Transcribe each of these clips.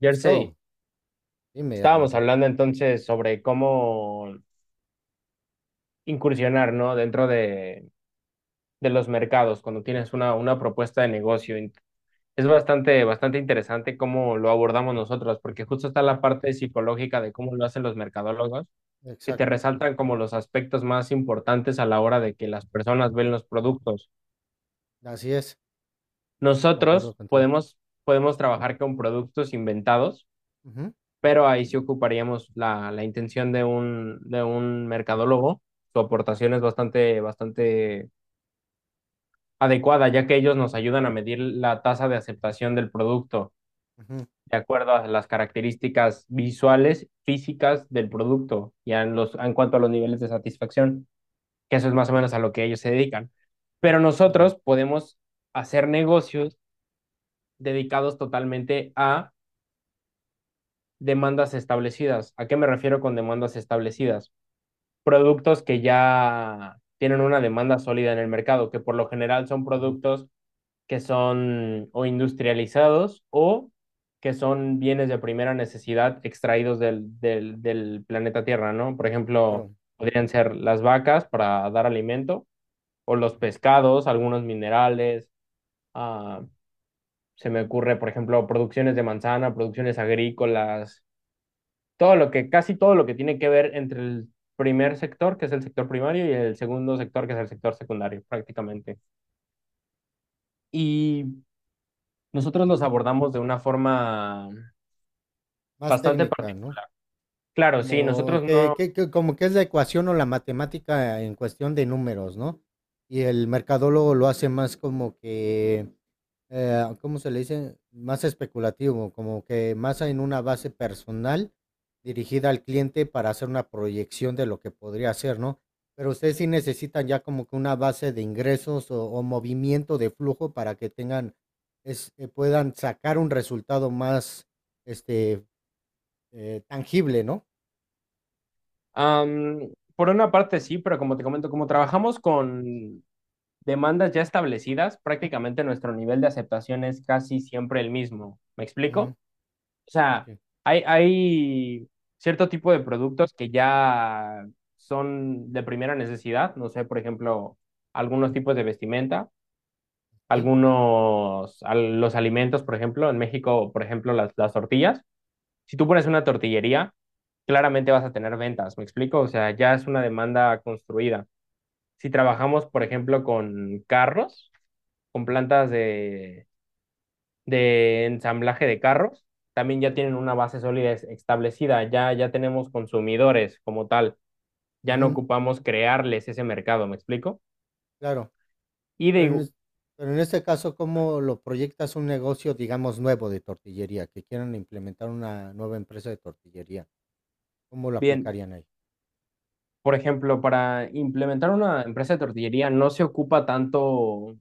Jersey, So, dime, estábamos hermano. hablando entonces sobre cómo incursionar, ¿no? Dentro de los mercados, cuando tienes una propuesta de negocio. Es bastante, bastante interesante cómo lo abordamos nosotros, porque justo está la parte psicológica de cómo lo hacen los mercadólogos, que te Exacto, sí. resaltan como los aspectos más importantes a la hora de que las personas ven los productos. Así es, sí, concuerdo Nosotros contigo. podemos, podemos trabajar con productos inventados, Ujú, pero ahí sí ocuparíamos la intención de un mercadólogo. Su aportación es bastante, bastante adecuada, ya que ellos nos ayudan a medir la tasa de aceptación del producto ujú, de acuerdo a las características visuales, físicas del producto y a los, en cuanto a los niveles de satisfacción, que eso es más o menos a lo que ellos se dedican. Pero claro, nosotros podemos hacer negocios dedicados totalmente a demandas establecidas. ¿A qué me refiero con demandas establecidas? Productos que ya tienen una demanda sólida en el mercado, que por lo general son ujú, productos que son o industrializados o que son bienes de primera necesidad extraídos del planeta Tierra, ¿no? Por ejemplo, claro. podrían ser las vacas para dar alimento o los pescados, algunos minerales, ah, se me ocurre, por ejemplo, producciones de manzana, producciones agrícolas, todo lo que, casi todo lo que tiene que ver entre el primer sector, que es el sector primario, y el segundo sector, que es el sector secundario, prácticamente. Y nosotros los abordamos de una forma Más bastante técnica, particular. ¿no? Claro, sí, Como nosotros que no. que que como que es la ecuación o la matemática en cuestión de números, ¿no? Y el mercadólogo lo hace más como que, ¿cómo se le dice? Más especulativo, como que más en una base personal dirigida al cliente para hacer una proyección de lo que podría hacer, ¿no? Pero ustedes sí necesitan ya como que una base de ingresos o movimiento de flujo para que tengan es puedan sacar un resultado más, este, tangible, ¿no? am, por una parte sí, pero como te comento, como trabajamos con demandas ya establecidas, prácticamente nuestro nivel de aceptación es casi siempre el mismo. ¿Me explico? O sea, Sí. hay cierto tipo de productos que ya son de primera necesidad, no sé, por ejemplo, algunos tipos de vestimenta, Okey, los alimentos, por ejemplo, en México, por ejemplo, las tortillas. Si tú pones una tortillería, claramente vas a tener ventas, ¿me explico? O sea, ya es una demanda construida. Si trabajamos, por ejemplo, con carros, con plantas de ensamblaje de carros, también ya tienen una base sólida establecida, ya tenemos consumidores como tal, ya no ujú, ocupamos crearles ese mercado, ¿me explico? claro. Y de, Pero en igu- es pero en este caso, ¿cómo lo proyectas un negocio, digamos, nuevo de tortillería? Que quieran implementar una nueva empresa de tortillería, ¿cómo lo Bien, aplicarían ahí? por ejemplo, para implementar una empresa de tortillería no se ocupa tanto,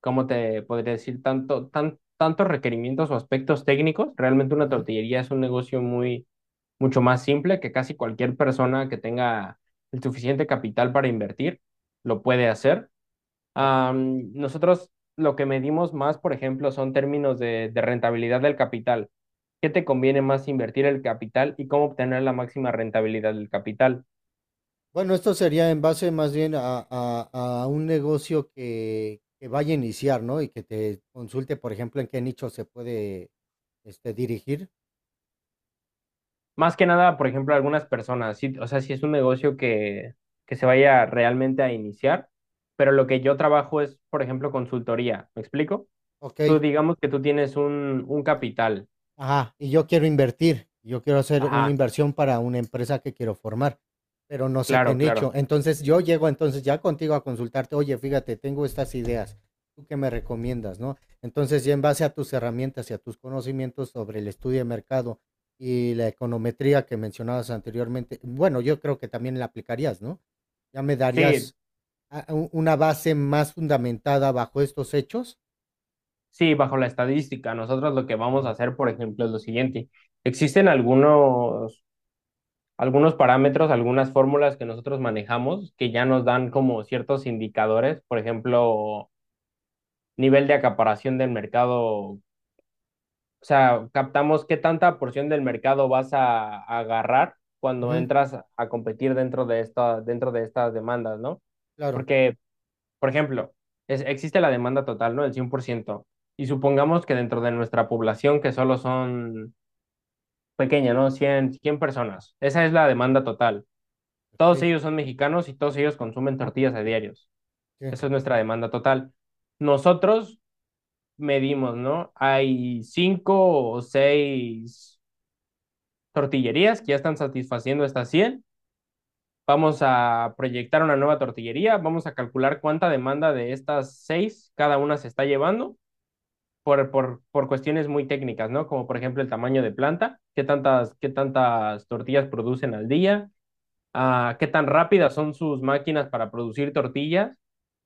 ¿cómo te podría decir? Tantos requerimientos o aspectos técnicos. Realmente una Ujú, tortillería es un negocio muy, mucho más simple que casi cualquier persona que tenga el suficiente capital para invertir lo puede hacer. claro. Nosotros lo que medimos más, por ejemplo, son términos de rentabilidad del capital. ¿Qué te conviene más invertir el capital y cómo obtener la máxima rentabilidad del capital? Bueno, esto sería en base más bien a a un negocio que vaya a iniciar, ¿no? Y que te consulte, por ejemplo, en qué nicho se puede, dirigir. Más que nada, por ejemplo, algunas personas, sí, o sea, si es un negocio que se vaya realmente a iniciar, pero lo que yo trabajo es, por ejemplo, consultoría. ¿Me explico? Tú Okey. digamos que tú tienes un capital. Ajá, y yo quiero invertir, yo quiero hacer una Ajá, inversión para una empresa que quiero formar, pero no sé qué claro, nicho. claro. Entonces yo llego entonces ya contigo a consultarte, oye, fíjate, tengo estas ideas, ¿tú qué me recomiendas, no? Entonces ya en base a tus herramientas y a tus conocimientos sobre el estudio de mercado y la econometría que mencionabas anteriormente, bueno, yo creo que también la aplicarías, ¿no? Ya me Sí, darías una base más fundamentada bajo estos hechos. sí, bajo la estadística, nosotros lo que vamos a Ujú, hacer, por ejemplo, es lo siguiente. Existen algunos parámetros, algunas fórmulas que nosotros manejamos que ya nos dan ok. como ciertos indicadores, por ejemplo, nivel de acaparación del mercado, o sea, captamos qué tanta porción del mercado vas a agarrar cuando Ujú, entras a competir dentro de estas demandas, ¿no? claro, Porque Por ejemplo, existe la demanda total, ¿no? El 100%. Y supongamos que dentro de nuestra población, que solo son pequeña, ¿no?, cien personas. Esa es la demanda total. Todos ok, ellos son mexicanos y todos ellos consumen tortillas a diarios. sí, Esa es nuestra demanda total. Nosotros medimos, ¿no? Hay cinco o seis tortillerías que ya están satisfaciendo estas 100. Vamos a proyectar una nueva tortillería, vamos a calcular cuánta demanda de estas seis cada una se está llevando por cuestiones muy técnicas, ¿no? Como por ejemplo el tamaño de planta, qué tantas tortillas producen al día, qué tan rápidas son sus máquinas para producir tortillas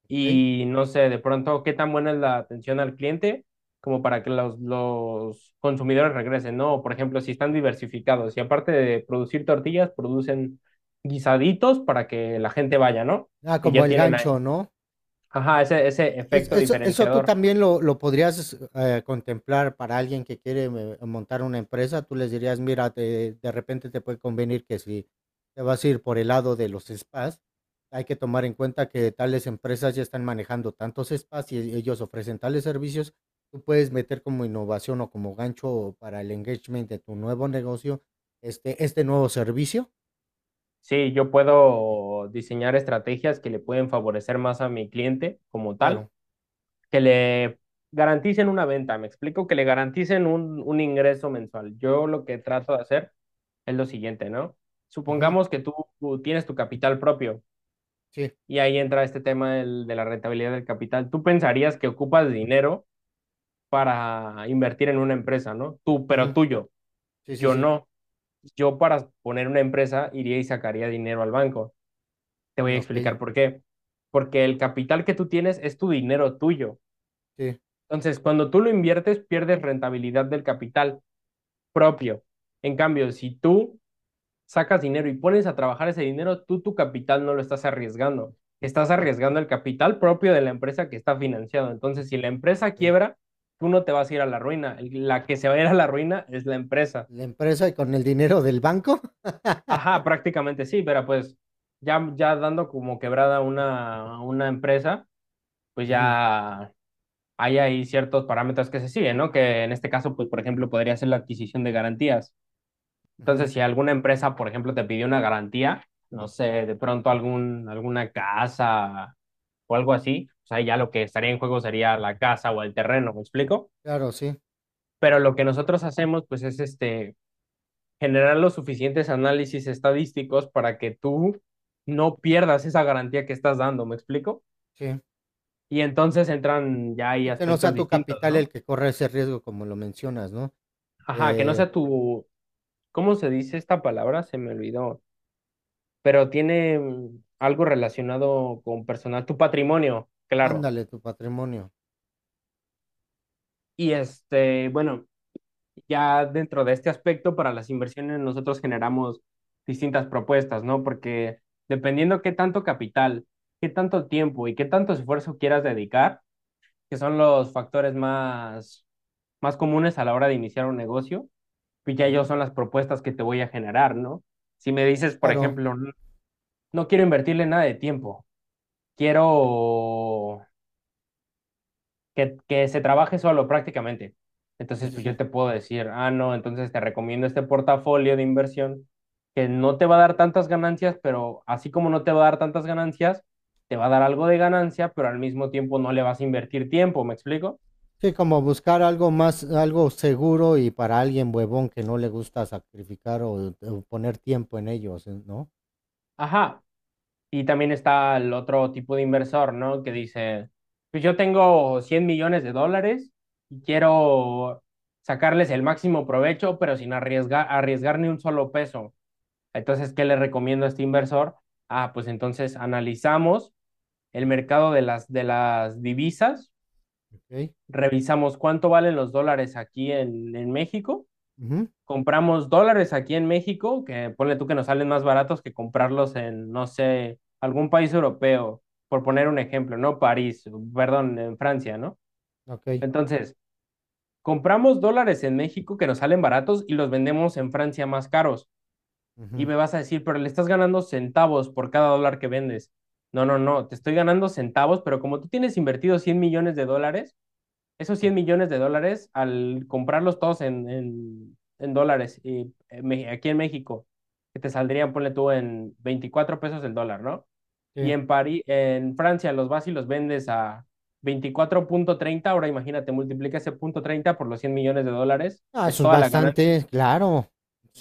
ok. y no sé, de pronto, qué tan buena es la atención al cliente como para que los, consumidores regresen, ¿no? O, por ejemplo, si están diversificados y aparte de producir tortillas, producen guisaditos para que la gente vaya, ¿no? Ah, Y como ya el tienen ahí, gancho, ¿no? ajá, ese efecto eso tú diferenciador. también lo, podrías contemplar para alguien que quiere montar una empresa. Tú les dirías, mira, de repente te puede convenir que si te vas a ir por el lado de los spas, hay que tomar en cuenta que tales empresas ya están manejando tantos spas y ellos ofrecen tales servicios. Tú puedes meter como innovación o como gancho para el engagement de tu nuevo negocio, este nuevo servicio. Sí, yo Ok, puedo diseñar estrategias que le pueden favorecer más a mi cliente como tal, claro. que le garanticen una venta, me explico, que le garanticen un ingreso mensual. Yo lo que trato de hacer es lo siguiente, ¿no? Ujú, Supongamos que tú tienes tu capital propio sí. y ahí entra este tema de la rentabilidad del capital. Tú pensarías que ocupas dinero para invertir en una empresa, ¿no? Tú, pero Ujú, tuyo, sí, sí, yo sí. no. Yo para poner una empresa iría y sacaría dinero al banco. Te voy Mm, a ok. explicar por qué. Porque el capital que tú tienes es tu dinero tuyo. Sí. Entonces, cuando tú lo inviertes, pierdes rentabilidad del capital propio. En cambio, si tú sacas dinero y pones a trabajar ese dinero, tú tu capital no lo estás arriesgando. Estás arriesgando el capital propio de la empresa que está financiado. Entonces, si la empresa Ok. quiebra, tú no te vas a ir a la ruina. La que se va a ir a la ruina es la empresa. La empresa y con el dinero del banco. Ajá, prácticamente sí, pero pues ya dando como quebrada una empresa, pues Ujú, ya hay ahí ciertos parámetros que se siguen, ¿no? Que en este caso, pues, por ejemplo, podría ser la adquisición de garantías. ujú. Entonces, si alguna empresa, por ejemplo, te pidió una garantía, no sé, de pronto algún, alguna casa o algo así, o sea, ya lo que estaría en juego sería la casa o el terreno, ¿me explico? Claro, sí, Pero lo que nosotros hacemos, pues, es este, generar los suficientes análisis estadísticos para que tú no pierdas esa garantía que estás dando, ¿me explico? sí. Y entonces entran ya ahí Sí, que no aspectos sea tu distintos, capital el ¿no? que corre ese riesgo, como lo mencionas, ¿no? Ajá, que no Eh, sea tu, ¿cómo se dice esta palabra? Se me olvidó. Pero tiene algo relacionado con personal, tu patrimonio, claro. ándale, tu patrimonio. Y este, bueno, ya dentro de este aspecto, para las inversiones nosotros generamos distintas propuestas, ¿no? Porque dependiendo qué tanto capital, qué tanto tiempo y qué tanto esfuerzo quieras dedicar, que son los factores más, más comunes a la hora de iniciar un negocio, pues ya ellos Ujú, son las propuestas que te voy a generar, ¿no? Si me dices, por claro, ejemplo, no, no quiero invertirle nada de tiempo. Quiero que se trabaje solo prácticamente. sí, Entonces, sí, pues yo sí. te puedo decir, ah, no, entonces te recomiendo este portafolio de inversión que no te va a dar tantas ganancias, pero así como no te va a dar tantas ganancias, te va a dar algo de ganancia, pero al mismo tiempo no le vas a invertir tiempo, ¿me explico? Sí, como buscar algo más, algo seguro y para alguien huevón que no le gusta sacrificar o poner tiempo en ellos, ¿no? Ajá. Y también está el otro tipo de inversor, ¿no? Que dice, pues yo tengo $100 millones y quiero sacarles el máximo provecho, pero sin arriesgar, arriesgar ni un solo peso. Entonces, ¿qué le recomiendo a este inversor? Ah, pues entonces analizamos el Ujú, mercado de las divisas, ok, revisamos cuánto valen los dólares aquí en México, ujú, compramos dólares aquí en México, que ponle tú que nos salen más baratos que comprarlos en, no sé, algún país europeo, por poner un ejemplo, ¿no? París, perdón, en Francia, ¿no? ok. Entonces, compramos dólares en México que nos salen baratos y los vendemos en Francia más caros. Y Ujú, me vas a decir, pero le estás ganando centavos por cada dólar que vendes. No, no, no, te estoy ganando centavos, pero como tú tienes invertido $100 millones, esos ujú, cien millones de dólares, al comprarlos todos en dólares y aquí en México, que te saldrían, ponle tú, en 24 pesos el dólar, ¿no? Y sí. en París, en Francia los vas y los vendes a 24.30. Ahora imagínate, multiplica ese punto 30 por los $100 millones, Ah, es eso es toda la ganancia, bastante, claro.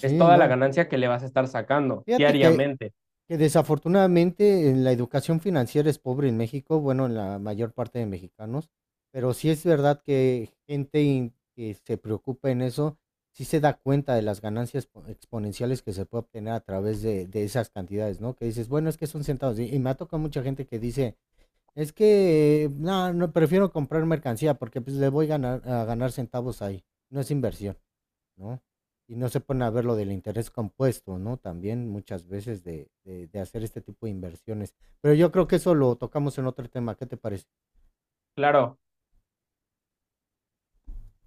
es toda la no. ganancia que le vas a estar sacando Fíjate que diariamente. Que desafortunadamente la educación financiera es pobre en México, bueno, en la mayor parte de mexicanos, pero sí es verdad que gente que se preocupa en eso, sí se da cuenta de las ganancias exponenciales que se puede obtener a través de esas cantidades, ¿no? Que dices, bueno, es que son centavos. Y me ha tocado mucha gente que dice, es que, no, no, prefiero comprar mercancía porque pues le voy a ganar, centavos ahí, no es inversión. ¿No? Y no se ponen a ver lo del interés compuesto, ¿no? También muchas veces de, de hacer este tipo de inversiones. Pero yo creo que eso lo tocamos en otro tema. ¿Qué te parece? Claro,